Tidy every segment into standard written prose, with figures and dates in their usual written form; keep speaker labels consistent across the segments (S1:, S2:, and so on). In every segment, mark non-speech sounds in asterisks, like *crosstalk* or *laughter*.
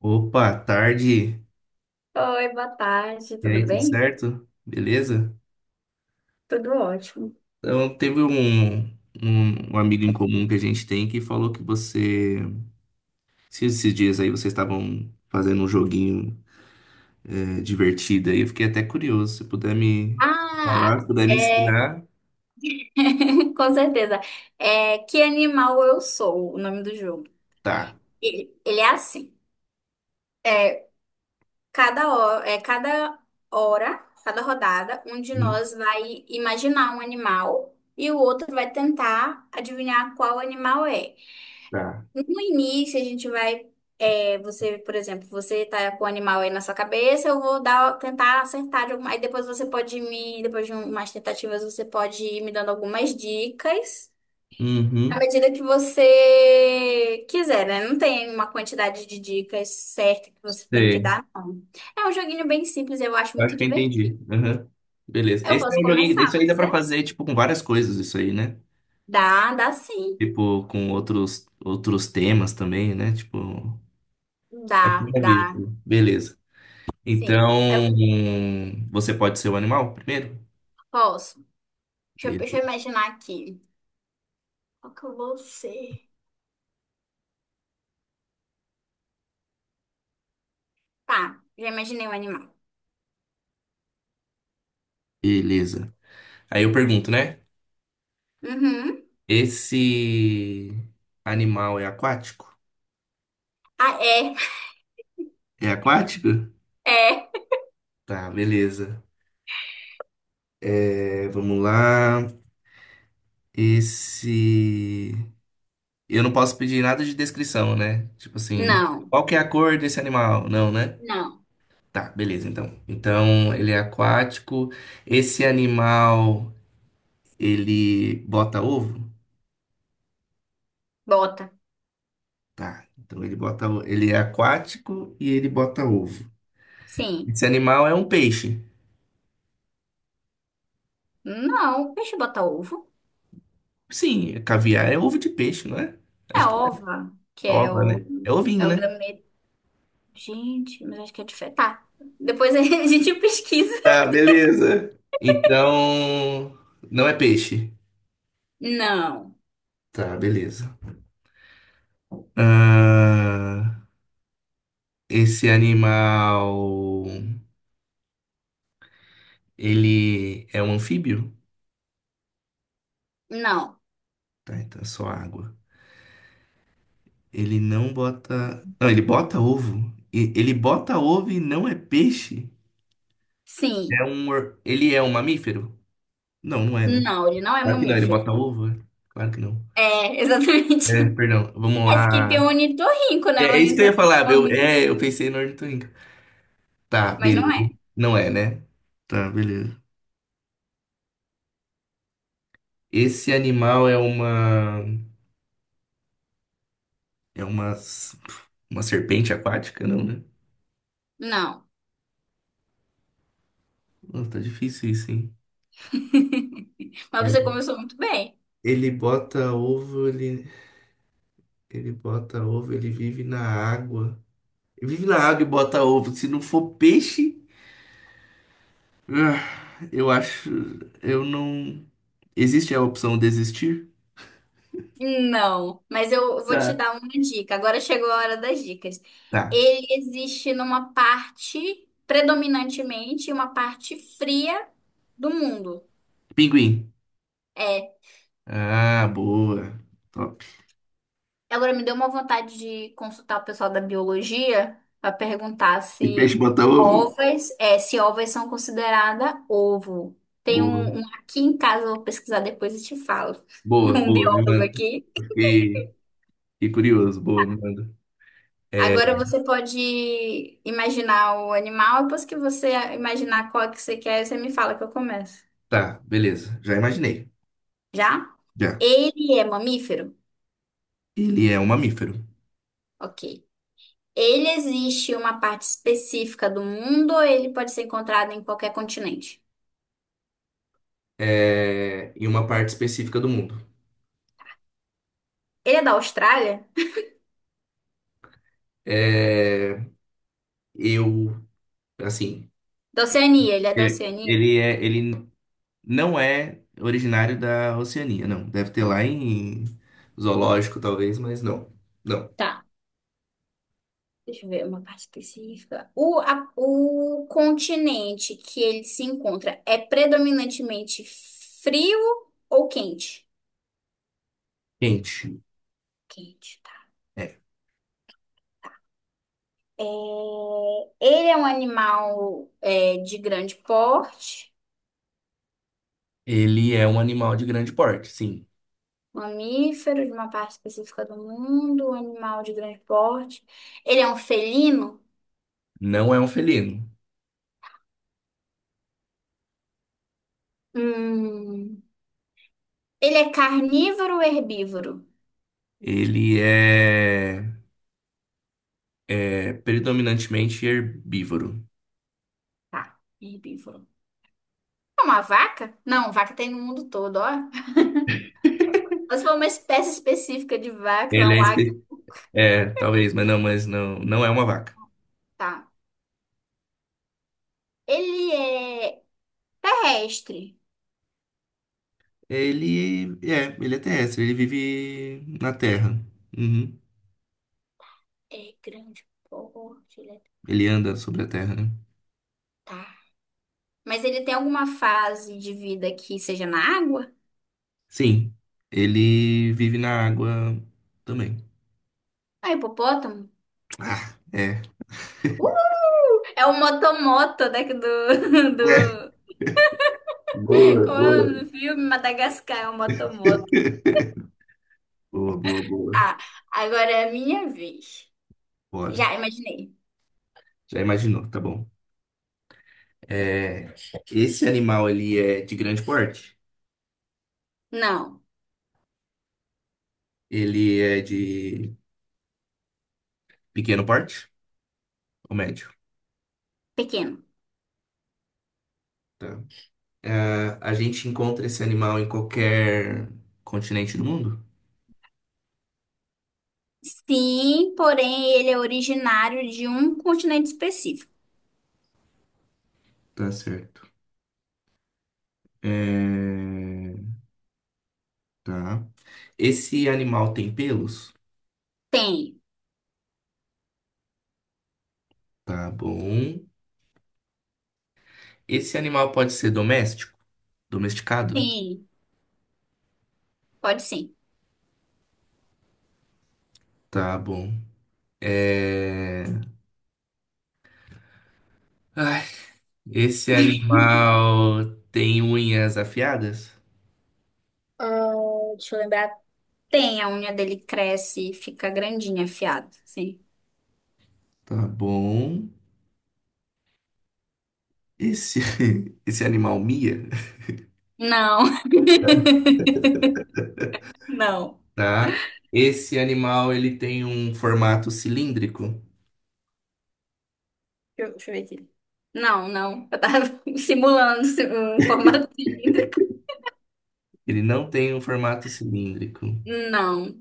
S1: Opa, tarde.
S2: Oi, boa tarde,
S1: E
S2: tudo
S1: aí, tudo
S2: bem?
S1: certo? Beleza?
S2: Tudo ótimo.
S1: Então, teve um amigo em comum que a gente tem que falou que você. Se esses dias aí vocês estavam fazendo um joguinho divertido aí, eu fiquei até curioso. Se puder me
S2: Ah,
S1: falar, se puder me
S2: é,
S1: ensinar,
S2: *laughs* com certeza. É, que animal eu sou, o nome do jogo.
S1: tá.
S2: Ele é assim. é Cada hora, cada rodada, um de
S1: Uhum.
S2: nós vai imaginar um animal e o outro vai tentar adivinhar qual animal é.
S1: Tá.
S2: No início, a gente vai. Você, por exemplo, você tá com o animal aí na sua cabeça, eu vou dar, tentar acertar de alguma. Aí depois você pode me. Depois de umas tentativas, você pode ir me dando algumas dicas. À
S1: Uhum.
S2: medida que você quiser, né? Não tem uma quantidade de dicas certa que você tem que
S1: Sei.
S2: dar, não. É um joguinho bem simples, eu acho muito
S1: Acho que eu entendi.
S2: divertido.
S1: Uhum. Beleza.
S2: Eu
S1: Esse é
S2: posso
S1: um joguinho.
S2: começar,
S1: Isso aí
S2: pode
S1: dá pra
S2: ser?
S1: fazer, tipo, com várias coisas, isso aí, né?
S2: Dá sim.
S1: Tipo, com outros temas também, né? Tipo. À
S2: Dá,
S1: primeira
S2: dá,
S1: vista. Beleza.
S2: sim.
S1: Então,
S2: Eu
S1: você pode ser o animal primeiro?
S2: posso. Deixa eu,
S1: Be-
S2: deixa eu imaginar aqui. Qual que eu vou ser? Tá, já imaginei um animal.
S1: Beleza. Aí eu pergunto, né?
S2: Uhum.
S1: Esse animal é aquático?
S2: Ah, é,
S1: É aquático?
S2: é.
S1: Tá, beleza. É, vamos lá. Esse. Eu não posso pedir nada de descrição, né? Tipo assim,
S2: Não,
S1: qual que é a cor desse animal? Não, né?
S2: não.
S1: Tá, beleza, então. Então, ele é aquático. Esse animal, ele bota ovo?
S2: Bota.
S1: Tá. Então ele bota, ele é aquático e ele bota ovo.
S2: Sim.
S1: Esse animal é um peixe.
S2: Não, o peixe bota ovo.
S1: Sim, caviar é ovo de peixe, não é?
S2: É
S1: Acho que é
S2: ova,
S1: ova, né? É ovinho,
S2: é o
S1: né?
S2: gameto. Gente, mas acho que é diferente. Tá, depois a *laughs* gente pesquisa.
S1: Tá, beleza. Então, não é peixe.
S2: Não,
S1: Tá, beleza. Ah, esse animal, ele é um anfíbio?
S2: não.
S1: Tá, então é só água. Ele não bota. Não, ele bota ovo. Ele bota ovo e não é peixe?
S2: Sim.
S1: É um... Ele é um mamífero? Não, não é, né?
S2: Não, ele não é
S1: Claro que não, ele
S2: mamífero.
S1: bota ovo, é? Claro que não.
S2: É, *laughs* exatamente.
S1: É, perdão, vamos
S2: Esse que tem o
S1: lá.
S2: ornitorrinco,
S1: É,
S2: né? O
S1: é isso que eu ia
S2: ornitorrinco
S1: falar,
S2: é mamífero,
S1: eu pensei no ornitorrinco. Tá,
S2: mas não
S1: beleza.
S2: é.
S1: Não é, né? Tá, beleza. Esse animal é uma... É uma... Uma serpente aquática, não, né?
S2: Não.
S1: Nossa, tá difícil isso, hein?
S2: *laughs* Mas você
S1: É.
S2: começou muito bem.
S1: Ele bota ovo, ele... Ele bota ovo, ele vive na água. Ele vive na água e bota ovo. Se não for peixe... ah, eu acho. Eu não. Existe a opção desistir?
S2: Não, mas eu vou te
S1: Tá.
S2: dar uma dica. Agora chegou a hora das dicas.
S1: Tá.
S2: Ele existe numa parte predominantemente, uma parte fria do mundo.
S1: Pinguim.
S2: É.
S1: Ah, boa. Top.
S2: Agora me deu uma vontade de consultar o pessoal da biologia para perguntar
S1: E
S2: se
S1: peixe bota ovo?
S2: ovas, se ovas são consideradas ovo. Tem
S1: Boa.
S2: um aqui em casa, eu vou pesquisar depois e te falo. *laughs* Tem
S1: Boa,
S2: um
S1: boa, me
S2: biólogo
S1: manda.
S2: aqui.
S1: Fiquei, fiquei curioso. Boa, me manda. É.
S2: Agora você pode imaginar o animal, depois que você imaginar qual que você quer, você me fala que eu começo.
S1: Tá, beleza. Já imaginei.
S2: Já?
S1: Já.
S2: Ele é mamífero?
S1: Ele é um mamífero.
S2: Ok. Ele existe em uma parte específica do mundo ou ele pode ser encontrado em qualquer continente?
S1: É... Em uma parte específica do mundo.
S2: Ele é da Austrália?
S1: É... Eu, assim,
S2: Da Oceania, ele é da Oceania?
S1: é, ele não é originário da Oceania, não. Deve ter lá em zoológico, talvez, mas não. Não.
S2: Tá. Deixa eu ver uma parte específica. O continente que ele se encontra é predominantemente frio ou quente?
S1: Quente.
S2: Quente, tá.
S1: É.
S2: É, Ele é um animal de grande porte,
S1: Ele é um animal de grande porte, sim.
S2: mamífero de uma parte específica do mundo, um animal de grande porte. Ele é um felino?
S1: Não é um felino.
S2: Hum, ele é carnívoro ou herbívoro?
S1: Ele é, é predominantemente herbívoro.
S2: Tá, herbívoro. É uma vaca? Não, vaca tem no mundo todo, ó. Mas foi uma espécie específica de vaca, lá
S1: Ele é,
S2: um águia.
S1: espe- é, talvez, mas não, não é uma vaca.
S2: Tá. Ele é terrestre.
S1: Ele é terrestre, ele vive na terra. Uhum.
S2: É grande porte, ele é...
S1: Ele anda sobre a terra, né?
S2: Tá. Mas ele tem alguma fase de vida que seja na água?
S1: Sim, ele vive na água também.
S2: Ah, hipopótamo?
S1: Ah, é.
S2: Uh, é o motomoto daqui do, *laughs*
S1: É.
S2: do...
S1: Boa,
S2: Como é o
S1: boa.
S2: nome do filme? Madagascar é o motomoto.
S1: *laughs* Boa, boa, boa.
S2: Ah, agora é a minha vez.
S1: Bora.
S2: Já imaginei.
S1: Já imaginou, tá bom. É, esse animal, ele é de grande porte?
S2: Não,
S1: Ele é de pequeno porte ou médio?
S2: pequeno.
S1: Tá. A gente encontra esse animal em qualquer continente do mundo?
S2: Sim, porém ele é originário de um continente específico.
S1: Tá certo. É, tá. Esse animal tem pelos?
S2: Tem,
S1: Tá bom. Esse animal pode ser doméstico? Domesticado?
S2: tem, pode sim.
S1: Tá bom. É... esse animal tem unhas afiadas?
S2: Ah, deixa eu lembrar. Tem, a unha dele cresce e fica grandinha, afiada. Sim.
S1: Tá bom. Esse, *laughs* esse animal mia?
S2: Não. *laughs* Não.
S1: Tá. Esse animal ele tem um formato cilíndrico?
S2: Deixa eu ver aqui. Não, não. Eu tava *laughs* simulando um formato cilíndrico.
S1: Ele não tem um formato cilíndrico.
S2: Não.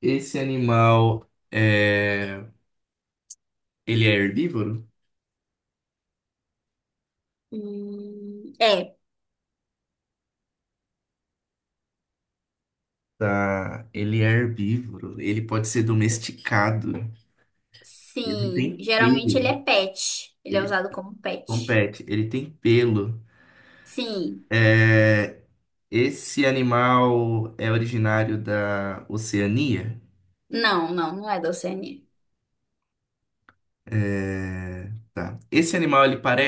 S1: Esse animal é... Ele é herbívoro?
S2: É.
S1: Tá. Ele é herbívoro. Ele pode ser domesticado. Ele
S2: Sim.
S1: tem
S2: Geralmente ele
S1: pelo.
S2: é pet. Ele é
S1: Ele
S2: usado como pet.
S1: compete, ele tem pelo.
S2: Sim.
S1: É, esse animal é originário da Oceania?
S2: Não, não, não é da Oceania.
S1: É, tá. Esse animal, ele pare...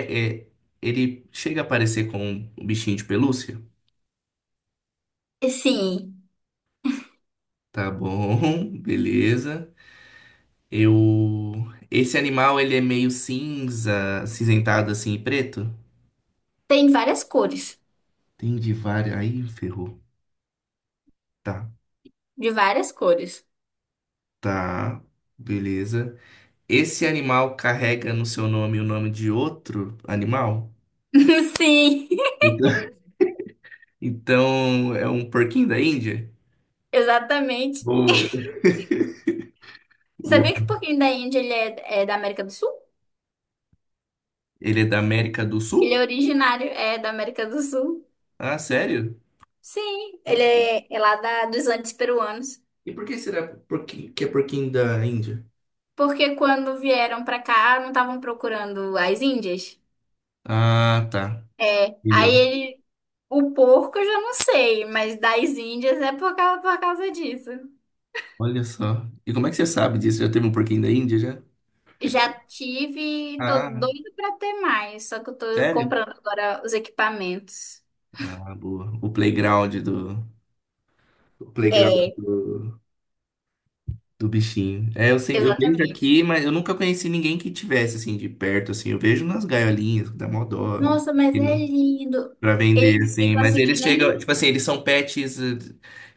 S1: é, ele chega a parecer com um bichinho de pelúcia?
S2: Sim.
S1: Tá bom, *laughs* beleza. Eu... Esse animal, ele é meio cinza, acinzentado assim e preto?
S2: Tem várias cores.
S1: Tem de várias... Aí, ferrou. Tá,
S2: De várias cores.
S1: tá, beleza. Esse animal carrega no seu nome o nome de outro animal?
S2: *laughs* Sim,
S1: *laughs* Então, é um porquinho da Índia?
S2: exatamente.
S1: Boa. *laughs*
S2: Você
S1: Boa.
S2: sabia que o porquinho da Índia é da América do Sul?
S1: Ele é da América do
S2: Ele
S1: Sul?
S2: é originário, é da América do Sul.
S1: Ah, sério?
S2: Sim, ele
S1: Nossa.
S2: é, é lá dos Andes peruanos.
S1: E por que será porquinho, que é porquinho da Índia?
S2: Porque quando vieram pra cá, não estavam procurando as Índias?
S1: Ah, tá.
S2: É, aí
S1: Entendeu?
S2: ele, o porco eu já não sei, mas das Índias é por causa disso.
S1: Olha só. E como é que você sabe disso? Já teve um porquinho da Índia já?
S2: Já tive, tô
S1: Ah,
S2: doida pra ter mais, só que eu tô
S1: sério?
S2: comprando agora os equipamentos.
S1: Ah, boa. O playground do. O playground
S2: É,
S1: do, do bichinho. É, eu sempre, eu vejo
S2: exatamente.
S1: aqui, mas eu nunca conheci ninguém que tivesse assim de perto, assim. Eu vejo nas gaiolinhas, que dá mó dó.
S2: Nossa, mas é lindo.
S1: Pra vender,
S2: Eles
S1: assim.
S2: ficam
S1: Mas
S2: assim que
S1: eles chegam,
S2: nem...
S1: tipo assim, eles são pets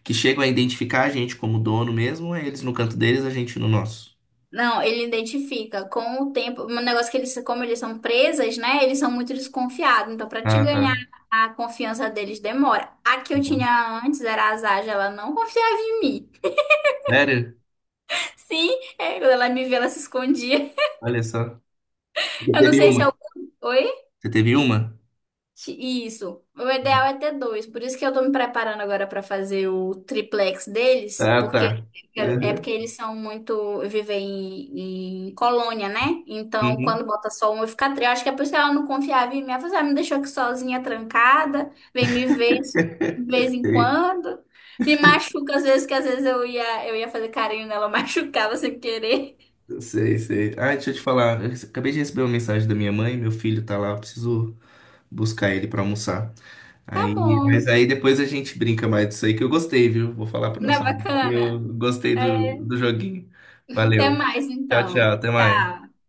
S1: que chegam a identificar a gente como dono mesmo, ou é eles no canto deles, a gente no nosso.
S2: Não, ele identifica com o tempo. Um negócio que eles, como eles são presas, né? Eles são muito desconfiados. Então, para te
S1: Ah,
S2: ganhar
S1: tá.
S2: a confiança deles, demora. A que eu
S1: Uma.
S2: tinha antes era a Zaja, ela não confiava em mim.
S1: Sério?
S2: Sim, é, quando ela me vê, ela se escondia.
S1: Olha só. Você
S2: Eu não
S1: teve
S2: sei se é
S1: uma?
S2: o. Oi?
S1: Você teve uma?
S2: Que- Isso. O ideal é ter dois. Por isso que eu tô me preparando agora para fazer o triplex deles,
S1: Ah,
S2: porque
S1: tá.
S2: eu quero- é
S1: Uhum.
S2: porque eles são muito vivem em colônia, né? Então,
S1: Uhum.
S2: quando bota só um, eu fico triste. Eu acho que é por isso que ela não confiava em mim. Ela falou assim, "Ah, me deixou aqui sozinha, trancada, vem me ver de vez em
S1: *laughs*
S2: quando. Me machuca às vezes, que às vezes eu ia fazer carinho nela, *laughs* eu machucava sem querer."
S1: Sei, sei, sei. Ah, deixa eu te falar. Eu acabei de receber uma mensagem da minha mãe, meu filho tá lá, eu preciso buscar ele pra almoçar.
S2: Tá
S1: Aí, mas
S2: bom.
S1: aí depois a gente brinca mais disso aí que eu gostei, viu? Vou falar pro
S2: Não
S1: nosso
S2: é
S1: amigo que eu
S2: bacana?
S1: gostei do,
S2: É,
S1: do joguinho.
S2: até
S1: Valeu.
S2: mais
S1: Tchau, tchau.
S2: então.
S1: Até mais.
S2: Tchau.